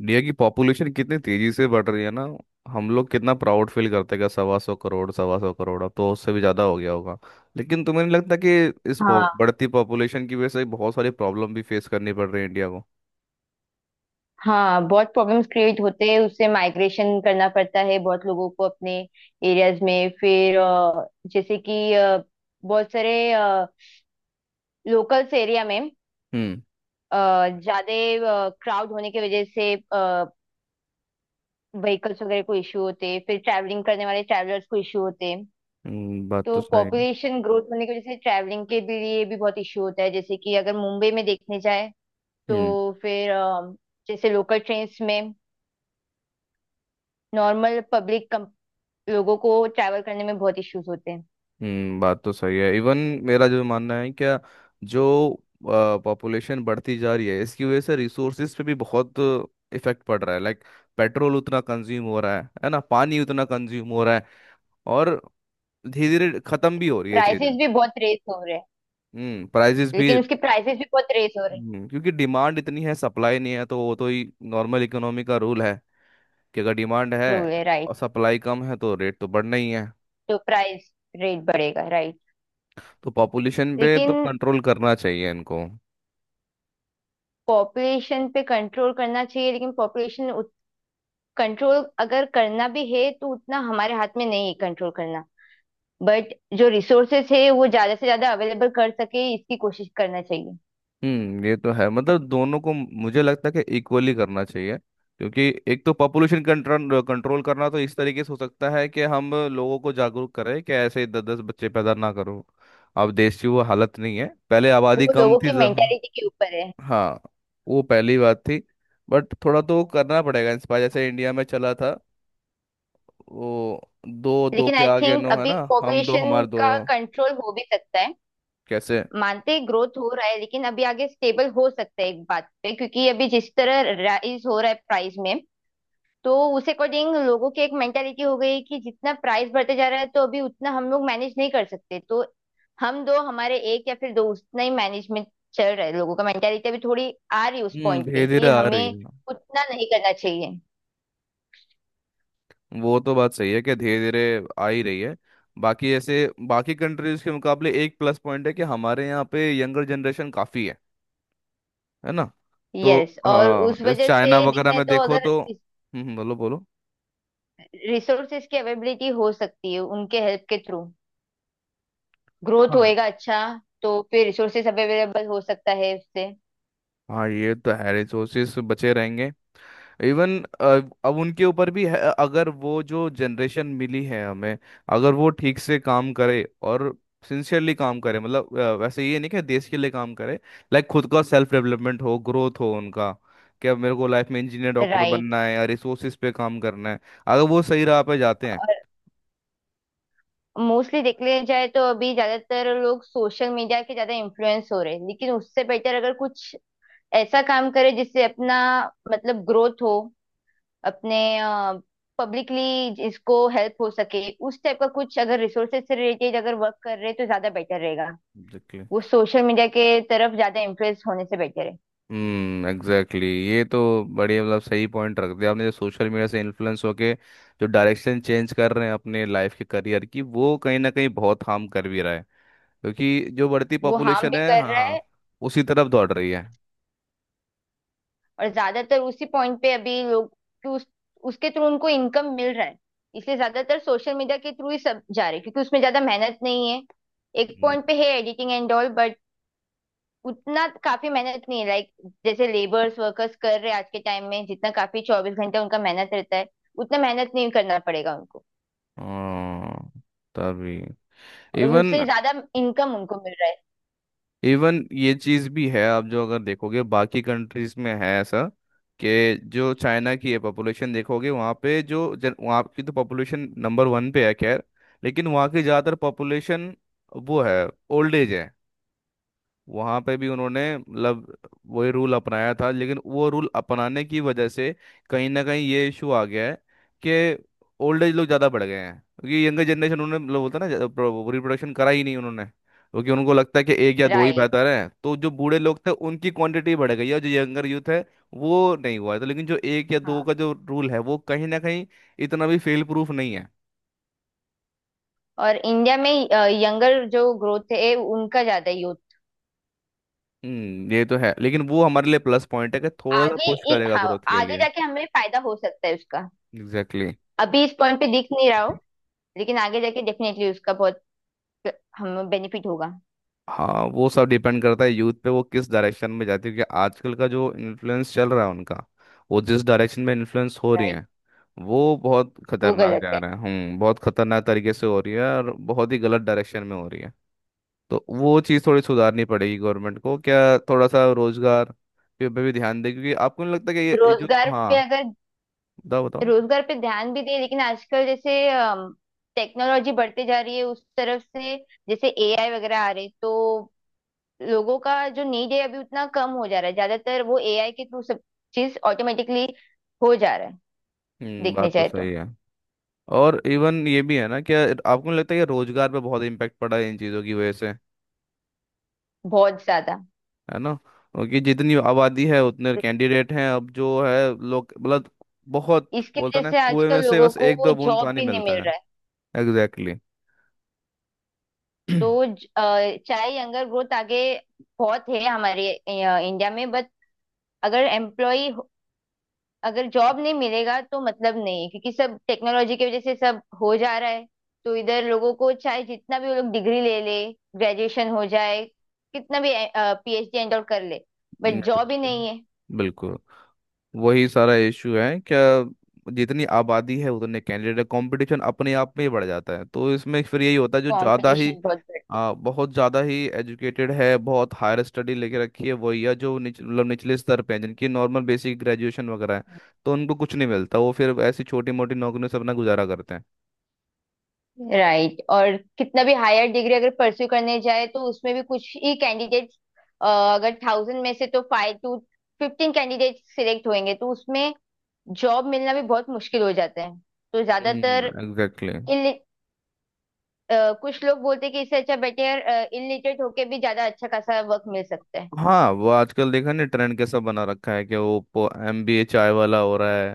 India की population कितनी तेजी से बढ़ रही है ना. हम लोग कितना प्राउड फील करते हैं कि 125 करोड़, 125 करोड़, अब तो उससे भी ज़्यादा हो गया होगा. लेकिन तुम्हें नहीं लगता कि हाँ, बढ़ती पॉपुलेशन की वजह से बहुत सारी प्रॉब्लम भी फेस करनी पड़ रही है इंडिया को? हाँ, बहुत प्रॉब्लम्स क्रिएट होते हैं। उससे माइग्रेशन करना पड़ता है बहुत लोगों को अपने एरियाज में। फिर जैसे कि बहुत सारे लोकल्स एरिया में हम्म. ज़्यादा क्राउड होने की वजह से व्हीकल्स वगैरह को इश्यू होते हैं, फिर ट्रैवलिंग करने वाले ट्रैवलर्स को इश्यू होते हैं। बात तो तो सही है. पॉपुलेशन ग्रोथ होने की वजह से ट्रैवलिंग के भी लिए भी बहुत इश्यू होता है। जैसे कि अगर मुंबई में देखने जाए तो हम्म. फिर जैसे लोकल ट्रेन्स में नॉर्मल पब्लिक लोगों को ट्रैवल करने में बहुत इश्यूज होते हैं। हम्म, बात तो सही है. इवन मेरा जो मानना है क्या, जो पॉपुलेशन बढ़ती जा रही है इसकी वजह से रिसोर्सेज पे भी बहुत इफेक्ट पड़ रहा है. लाइक पेट्रोल उतना कंज्यूम हो रहा है ना, पानी उतना कंज्यूम हो रहा है, और धीरे धीरे खत्म भी हो रही है चीजें. प्राइसेस भी बहुत रेस हो रहे हैं। हम्म, प्राइजेस भी. लेकिन उसके प्राइसेस भी बहुत रेस हो रहे हैं। क्योंकि डिमांड इतनी है, सप्लाई नहीं है, तो वो तो ही नॉर्मल इकोनॉमी का रूल है कि अगर डिमांड है रूल है, राइट। और सप्लाई कम है तो रेट तो बढ़ना ही है. तो प्राइस रेट बढ़ेगा, राइट। तो पॉपुलेशन पे तो लेकिन कंट्रोल करना चाहिए इनको. पॉपुलेशन पे कंट्रोल करना चाहिए, लेकिन पॉपुलेशन कंट्रोल अगर करना भी है तो उतना हमारे हाथ में नहीं है कंट्रोल करना। बट जो रिसोर्सेस है वो ज्यादा से ज्यादा अवेलेबल कर सके इसकी कोशिश करना चाहिए। हम्म, ये तो है. मतलब दोनों को मुझे लगता है कि इक्वली करना चाहिए, क्योंकि एक तो पॉपुलेशन कंट्रोल कंट्रोल करना तो इस तरीके से हो सकता है कि हम लोगों को जागरूक करें कि ऐसे दस दस बच्चे पैदा ना करो. अब देश की वो हालत नहीं है, पहले वो आबादी कम लोगों थी. की मेंटेलिटी के ऊपर है। हाँ. वो पहली बात थी. बट थोड़ा तो करना पड़ेगा इंस्पायर, जैसे इंडिया में चला था वो, दो दो लेकिन के आई आगे थिंक नो, है अभी ना, हम दो पॉपुलेशन हमारे दो. का कंट्रोल हो भी सकता है। कैसे? मानते हैं ग्रोथ हो रहा है लेकिन अभी आगे स्टेबल हो सकता है एक बात पे, क्योंकि अभी जिस तरह राइज हो रहा है प्राइस में, तो उस अकॉर्डिंग लोगों की एक मेंटेलिटी हो गई कि जितना प्राइस बढ़ते जा रहा है तो अभी उतना हम लोग मैनेज नहीं कर सकते। तो हम दो हमारे एक या फिर दो, उतना ही मैनेजमेंट चल रहा है। लोगों का मेंटेलिटी अभी थोड़ी आ रही है उस हम्म, पॉइंट धीरे पे धीरे कि आ रही हमें है. उतना नहीं करना चाहिए। वो तो बात सही है कि धीरे धीरे आ ही रही है. बाकी ऐसे बाकी कंट्रीज के मुकाबले एक प्लस पॉइंट है कि हमारे यहाँ पे यंगर जनरेशन काफी है ना. तो यस, और हाँ, उस जैसे वजह चाइना से वगैरह देखें में तो देखो अगर तो. हम्म, बोलो बोलो. रिसोर्सेज की अवेलेबिलिटी हो सकती है उनके हेल्प के थ्रू, ग्रोथ हाँ. होएगा अच्छा। तो फिर रिसोर्सेस अवेलेबल हो सकता है उससे। हाँ, ये तो है, रिसोर्सेस बचे रहेंगे. इवन अब उनके ऊपर भी है. अगर वो जो जनरेशन मिली है हमें, अगर वो ठीक से काम करे और सिंसियरली काम करे, मतलब वैसे ये नहीं कि देश के लिए काम करे, लाइक खुद का सेल्फ डेवलपमेंट हो, ग्रोथ हो उनका. कि अब मेरे को लाइफ में इंजीनियर डॉक्टर राइट। बनना है या रिसोर्सेज पे काम करना है, अगर वो सही राह पे जाते हैं. और मोस्टली देख लिया जाए तो अभी ज्यादातर लोग सोशल मीडिया के ज्यादा इन्फ्लुएंस हो रहे हैं, लेकिन उससे बेटर अगर कुछ ऐसा काम करे जिससे अपना मतलब ग्रोथ हो, अपने पब्लिकली इसको हेल्प हो सके। उस टाइप का कुछ अगर रिसोर्सेज से रिलेटेड अगर वर्क कर रहे हैं तो ज्यादा बेटर रहेगा। एग्जैक्टली. वो सोशल मीडिया के तरफ ज्यादा इन्फ्लुएंस होने से बेटर है। हम्म, एग्जैक्टली, ये तो बढ़िया. मतलब सही पॉइंट रख दिया आपने, जो सोशल मीडिया से इन्फ्लुएंस होके जो डायरेक्शन चेंज कर रहे हैं अपने लाइफ के करियर की, वो कहीं ना कहीं बहुत हार्म कर भी रहा है, क्योंकि जो बढ़ती वो हार्म पॉपुलेशन भी है, कर रहा हाँ, है। उसी तरफ दौड़ रही है. और ज्यादातर उसी पॉइंट पे अभी लोग कि उस, उसके थ्रू उनको इनकम मिल रहा है। इसलिए ज्यादातर सोशल मीडिया के थ्रू ही सब जा रहे हैं क्योंकि उसमें ज्यादा मेहनत नहीं है। एक हम्म, पॉइंट पे है एडिटिंग एंड ऑल, बट उतना काफी मेहनत नहीं है। लाइक जैसे लेबर्स वर्कर्स कर रहे हैं आज के टाइम में जितना काफी 24 घंटे उनका मेहनत रहता है, उतना मेहनत नहीं करना पड़ेगा उनको। हाँ, तभी. और इवन, उनसे ज्यादा इनकम उनको मिल रहा इवन ये चीज भी है, आप जो अगर देखोगे बाकी कंट्रीज में है ऐसा. कि जो चाइना की है पॉपुलेशन देखोगे, वहाँ पे वहाँ की तो पॉपुलेशन नंबर 1 पे है, खैर. लेकिन वहाँ की ज़्यादातर पॉपुलेशन वो है, ओल्ड एज है. वहां पे भी उन्होंने, मतलब वही रूल अपनाया था, लेकिन वो रूल अपनाने की वजह से कहीं ना कहीं ये इशू आ गया है कि ओल्ड एज लोग ज़्यादा बढ़ गए हैं, क्योंकि यंगर जनरेशन उन्होंने, मतलब बोलता है ना, रिप्रोडक्शन करा ही नहीं उन्होंने, क्योंकि उनको लगता है कि एक या है। दो ही राइट। बेहतर है. तो जो बूढ़े लोग थे उनकी क्वांटिटी बढ़ गई है और जो यंगर यूथ है वो नहीं हुआ है. तो लेकिन जो एक या हाँ। दो का जो रूल है, वो कहीं ना कहीं इतना भी फेल प्रूफ नहीं है. और इंडिया में यंगर जो ग्रोथ है उनका ज्यादा यूथ हम्म, ये तो है. लेकिन वो हमारे लिए प्लस पॉइंट है कि थोड़ा सा आगे पुश करेगा हाँ, ग्रोथ के आगे लिए. जाके हमें फायदा हो सकता है उसका। एग्जैक्टली. अभी इस पॉइंट पे दिख नहीं रहा हो, लेकिन आगे जाके डेफिनेटली उसका बहुत हमें बेनिफिट होगा। हाँ, वो सब डिपेंड करता है यूथ पे, वो किस डायरेक्शन में जाती है. क्योंकि आजकल का जो इन्फ्लुएंस चल रहा है उनका, वो जिस डायरेक्शन में इन्फ्लुएंस हो रही राइट। है, वो बहुत वो खतरनाक गलत जा है। रहा है. हम्म, बहुत खतरनाक तरीके से हो रही है और बहुत ही गलत डायरेक्शन में हो रही है. तो वो चीज़ थोड़ी सुधारनी पड़ेगी गवर्नमेंट को क्या, थोड़ा सा रोजगार पे पे भी ध्यान दे, क्योंकि आपको नहीं लगता कि ये जो, रोजगार पे हाँ, अगर, बताओ बताओ. रोजगार पे ध्यान भी दे लेकिन आजकल जैसे टेक्नोलॉजी बढ़ते जा रही है उस तरफ से, जैसे एआई वगैरह आ रहे, तो लोगों का जो नीड है अभी उतना कम हो जा रहा है। ज्यादातर वो एआई के थ्रू सब चीज ऑटोमेटिकली हो जा रहा है, हम्म, देखने बात तो जाए तो। सही है. और इवन ये भी है ना क्या, आपको नहीं लगता है कि रोजगार पे बहुत इम्पेक्ट पड़ा है इन चीज़ों की वजह से, बहुत ज्यादा। है ना? क्योंकि जितनी आबादी है उतने कैंडिडेट हैं अब, जो है लोग मतलब, बहुत इसकी बोलता वजह ना, से कुएं में आजकल से लोगों बस को एक दो बूंद जॉब पानी भी नहीं मिलता मिल है. रहा है। एग्जैक्टली, तो चाहे यंगर ग्रोथ आगे बहुत है हमारे इंडिया में, बट अगर एम्प्लॉय अगर जॉब नहीं मिलेगा तो मतलब नहीं है, क्योंकि सब टेक्नोलॉजी की वजह से सब हो जा रहा है। तो इधर लोगों को चाहे जितना भी वो लोग डिग्री ले ले, ग्रेजुएशन हो जाए, कितना भी पीएचडी एंड आउट कर ले, बट जॉब ही exactly. नहीं है। बिल्कुल. वही सारा इशू है क्या, जितनी आबादी है उतने कैंडिडेट, कंपटीशन अपने आप में ही बढ़ जाता है. तो इसमें फिर यही होता है, जो ज़्यादा ही कंपटीशन बहुत बढ़। आ, बहुत ज़्यादा ही एजुकेटेड है, बहुत हायर स्टडी लेके रखी है, वही है जो मतलब निचले स्तर पे है, जिनकी नॉर्मल बेसिक ग्रेजुएशन वगैरह है, तो उनको कुछ नहीं मिलता, वो फिर ऐसी छोटी मोटी नौकरियों से अपना गुजारा करते हैं. राइट। और कितना भी हायर डिग्री अगर परस्यू करने जाए तो उसमें भी कुछ ही कैंडिडेट्स, अगर 1,000 में से तो 5 टू 15 कैंडिडेट सिलेक्ट होंगे, तो उसमें जॉब मिलना भी बहुत मुश्किल हो जाता है। तो हम्म, ज्यादातर एग्जैक्टली. इल कुछ लोग बोलते हैं कि इससे अच्छा बेटर इलिटरेट होके भी ज्यादा अच्छा खासा वर्क मिल सकता है। हाँ, वो आजकल देखा नहीं, ट्रेंड कैसा बना रखा है कि वो MBA चाय वाला हो रहा है.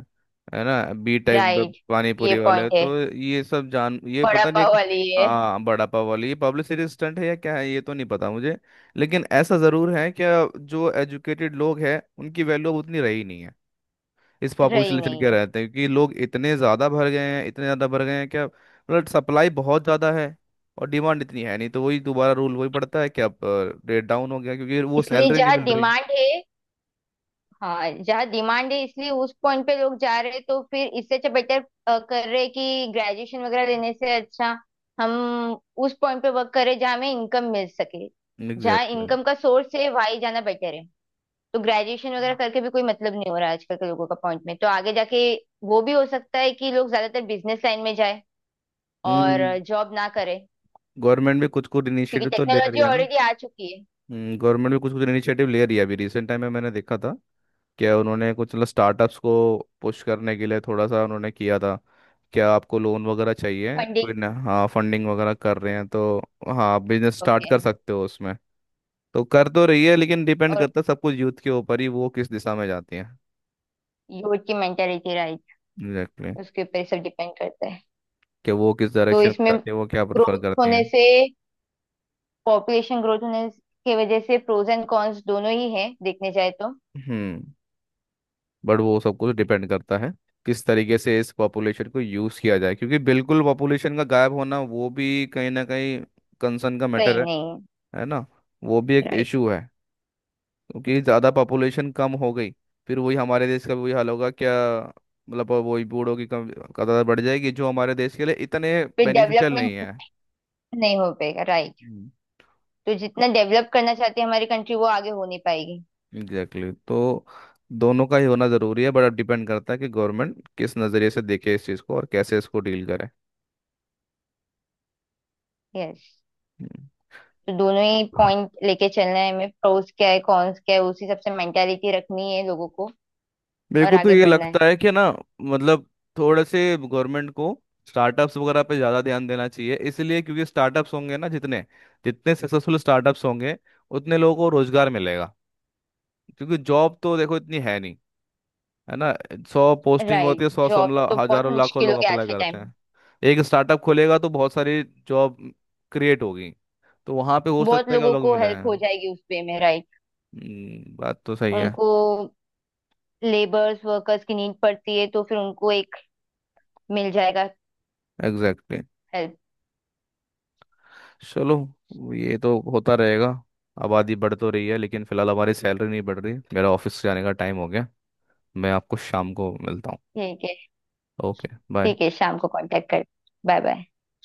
है ना B.Tech राइट। पानी ये पूरी वाले, पॉइंट है। तो ये सब जान, ये बड़ा पता नहीं, पाव वाली ये हाँ, बड़ा पाव वाली, ये पब्लिसिटी स्टंट है या क्या है, ये तो नहीं पता मुझे. लेकिन ऐसा जरूर है कि जो एजुकेटेड लोग हैं उनकी वैल्यू अब उतनी रही नहीं, इस रही पॉपुलेशन नहीं के है। रहते हैं, क्योंकि लोग इतने ज़्यादा भर गए हैं, इतने ज़्यादा भर गए हैं क्या, मतलब सप्लाई बहुत ज़्यादा है और डिमांड इतनी है नहीं, तो वही दोबारा रूल वही पड़ता है कि अब रेट डाउन हो गया, क्योंकि वो इसलिए सैलरी नहीं जहाँ मिल रही. डिमांड है, हाँ जहाँ डिमांड है इसलिए उस पॉइंट पे लोग जा रहे हैं। तो फिर इससे अच्छा बेटर कर रहे हैं कि ग्रेजुएशन वगैरह लेने से अच्छा हम उस पॉइंट पे वर्क करें जहाँ हमें इनकम मिल सके। जहाँ एग्जैक्टली. इनकम का सोर्स है वहीं जाना बेटर है। तो ग्रेजुएशन वगैरह करके भी कोई मतलब नहीं हो रहा है आजकल के लोगों का पॉइंट में। तो आगे जाके वो भी हो सकता है कि लोग ज्यादातर बिजनेस लाइन में जाए और हम्म, जॉब ना करे। गवर्नमेंट भी कुछ कुछ क्योंकि इनिशिएटिव तो ले रही टेक्नोलॉजी है ना. ऑलरेडी आ चुकी है। हम्म, गवर्नमेंट भी कुछ कुछ इनिशिएटिव ले रही है. अभी रिसेंट टाइम में मैंने देखा था क्या, उन्होंने कुछ मतलब स्टार्टअप्स को पुश करने के लिए थोड़ा सा उन्होंने किया था, क्या आपको लोन वगैरह चाहिए कोई फंडिंग। ना, हाँ, फंडिंग वगैरह कर रहे हैं, तो हाँ, आप बिजनेस स्टार्ट ओके। कर सकते हो उसमें. तो कर तो रही है, लेकिन डिपेंड और करता है सब कुछ यूथ के ऊपर ही, वो किस दिशा में जाती है. यूथ की मेंटेलिटी, राइट। Exactly, exactly. उसके ऊपर सब डिपेंड करता है। कि वो किस तो डायरेक्शन में इसमें जाती है, वो क्या प्रेफर ग्रोथ करती है. होने से, पॉपुलेशन ग्रोथ होने के वजह से प्रोज एंड कॉन्स दोनों ही है देखने जाए तो। हम्म. बट वो सब कुछ डिपेंड करता है किस तरीके से इस पॉपुलेशन को यूज़ किया जाए, क्योंकि बिल्कुल पॉपुलेशन का गायब होना वो भी कहीं ना कहीं कंसर्न का मैटर सही है नहीं है। है ना, वो भी एक राइट। इशू है. क्योंकि ज़्यादा पॉपुलेशन कम हो गई, फिर वही हमारे देश का भी वही हाल होगा क्या, मतलब वही बूढ़ों की कम तादाद बढ़ जाएगी, जो हमारे देश के लिए इतने फिर बेनिफिशियल नहीं डेवलपमेंट है. नहीं हो पाएगा, राइट। तो जितना डेवलप करना चाहती है हमारी कंट्री वो आगे हो नहीं पाएगी। Exactly, exactly. तो दोनों का ही होना ज़रूरी है, बट अब डिपेंड करता है कि गवर्नमेंट किस नज़रिए से देखे इस चीज़ को और कैसे इसको डील करे. यस। हम्म. तो दोनों ही पॉइंट लेके चलना है हमें, प्रोज क्या है कॉन्स क्या है, उसी हिसाब से मेंटालिटी रखनी है लोगों को मेरे और को तो आगे ये बढ़ना है। लगता है कि ना, मतलब थोड़े से गवर्नमेंट को स्टार्टअप्स वगैरह पे ज़्यादा ध्यान देना चाहिए, इसलिए क्योंकि स्टार्टअप्स होंगे ना जितने, जितने सक्सेसफुल स्टार्टअप्स होंगे उतने लोगों को रोजगार मिलेगा, क्योंकि जॉब तो देखो इतनी है नहीं, है ना. 100 पोस्टिंग होती राइट। है, सौ सौ जॉब मतलब तो बहुत हजारों लाखों मुश्किल लोग हो गया आज अप्लाई के टाइम करते में। हैं. एक स्टार्टअप खोलेगा तो बहुत सारी जॉब क्रिएट होगी, तो वहां पे हो बहुत सकता है कि लोगों लोग को मिले हेल्प हो हैं. जाएगी उस पे में, राइट। बात तो सही है. उनको लेबर्स वर्कर्स की नीड पड़ती है तो फिर उनको एक मिल जाएगा, एग्जैक्टली, हेल्प। exactly. चलो, ये तो होता रहेगा. आबादी बढ़ तो रही है लेकिन फिलहाल हमारी सैलरी नहीं बढ़ रही. मेरा ऑफिस जाने का टाइम हो गया, मैं आपको शाम को मिलता हूँ. ठीक है। ओके. बाय. ठीक है, शाम को कांटेक्ट कर। Bye bye.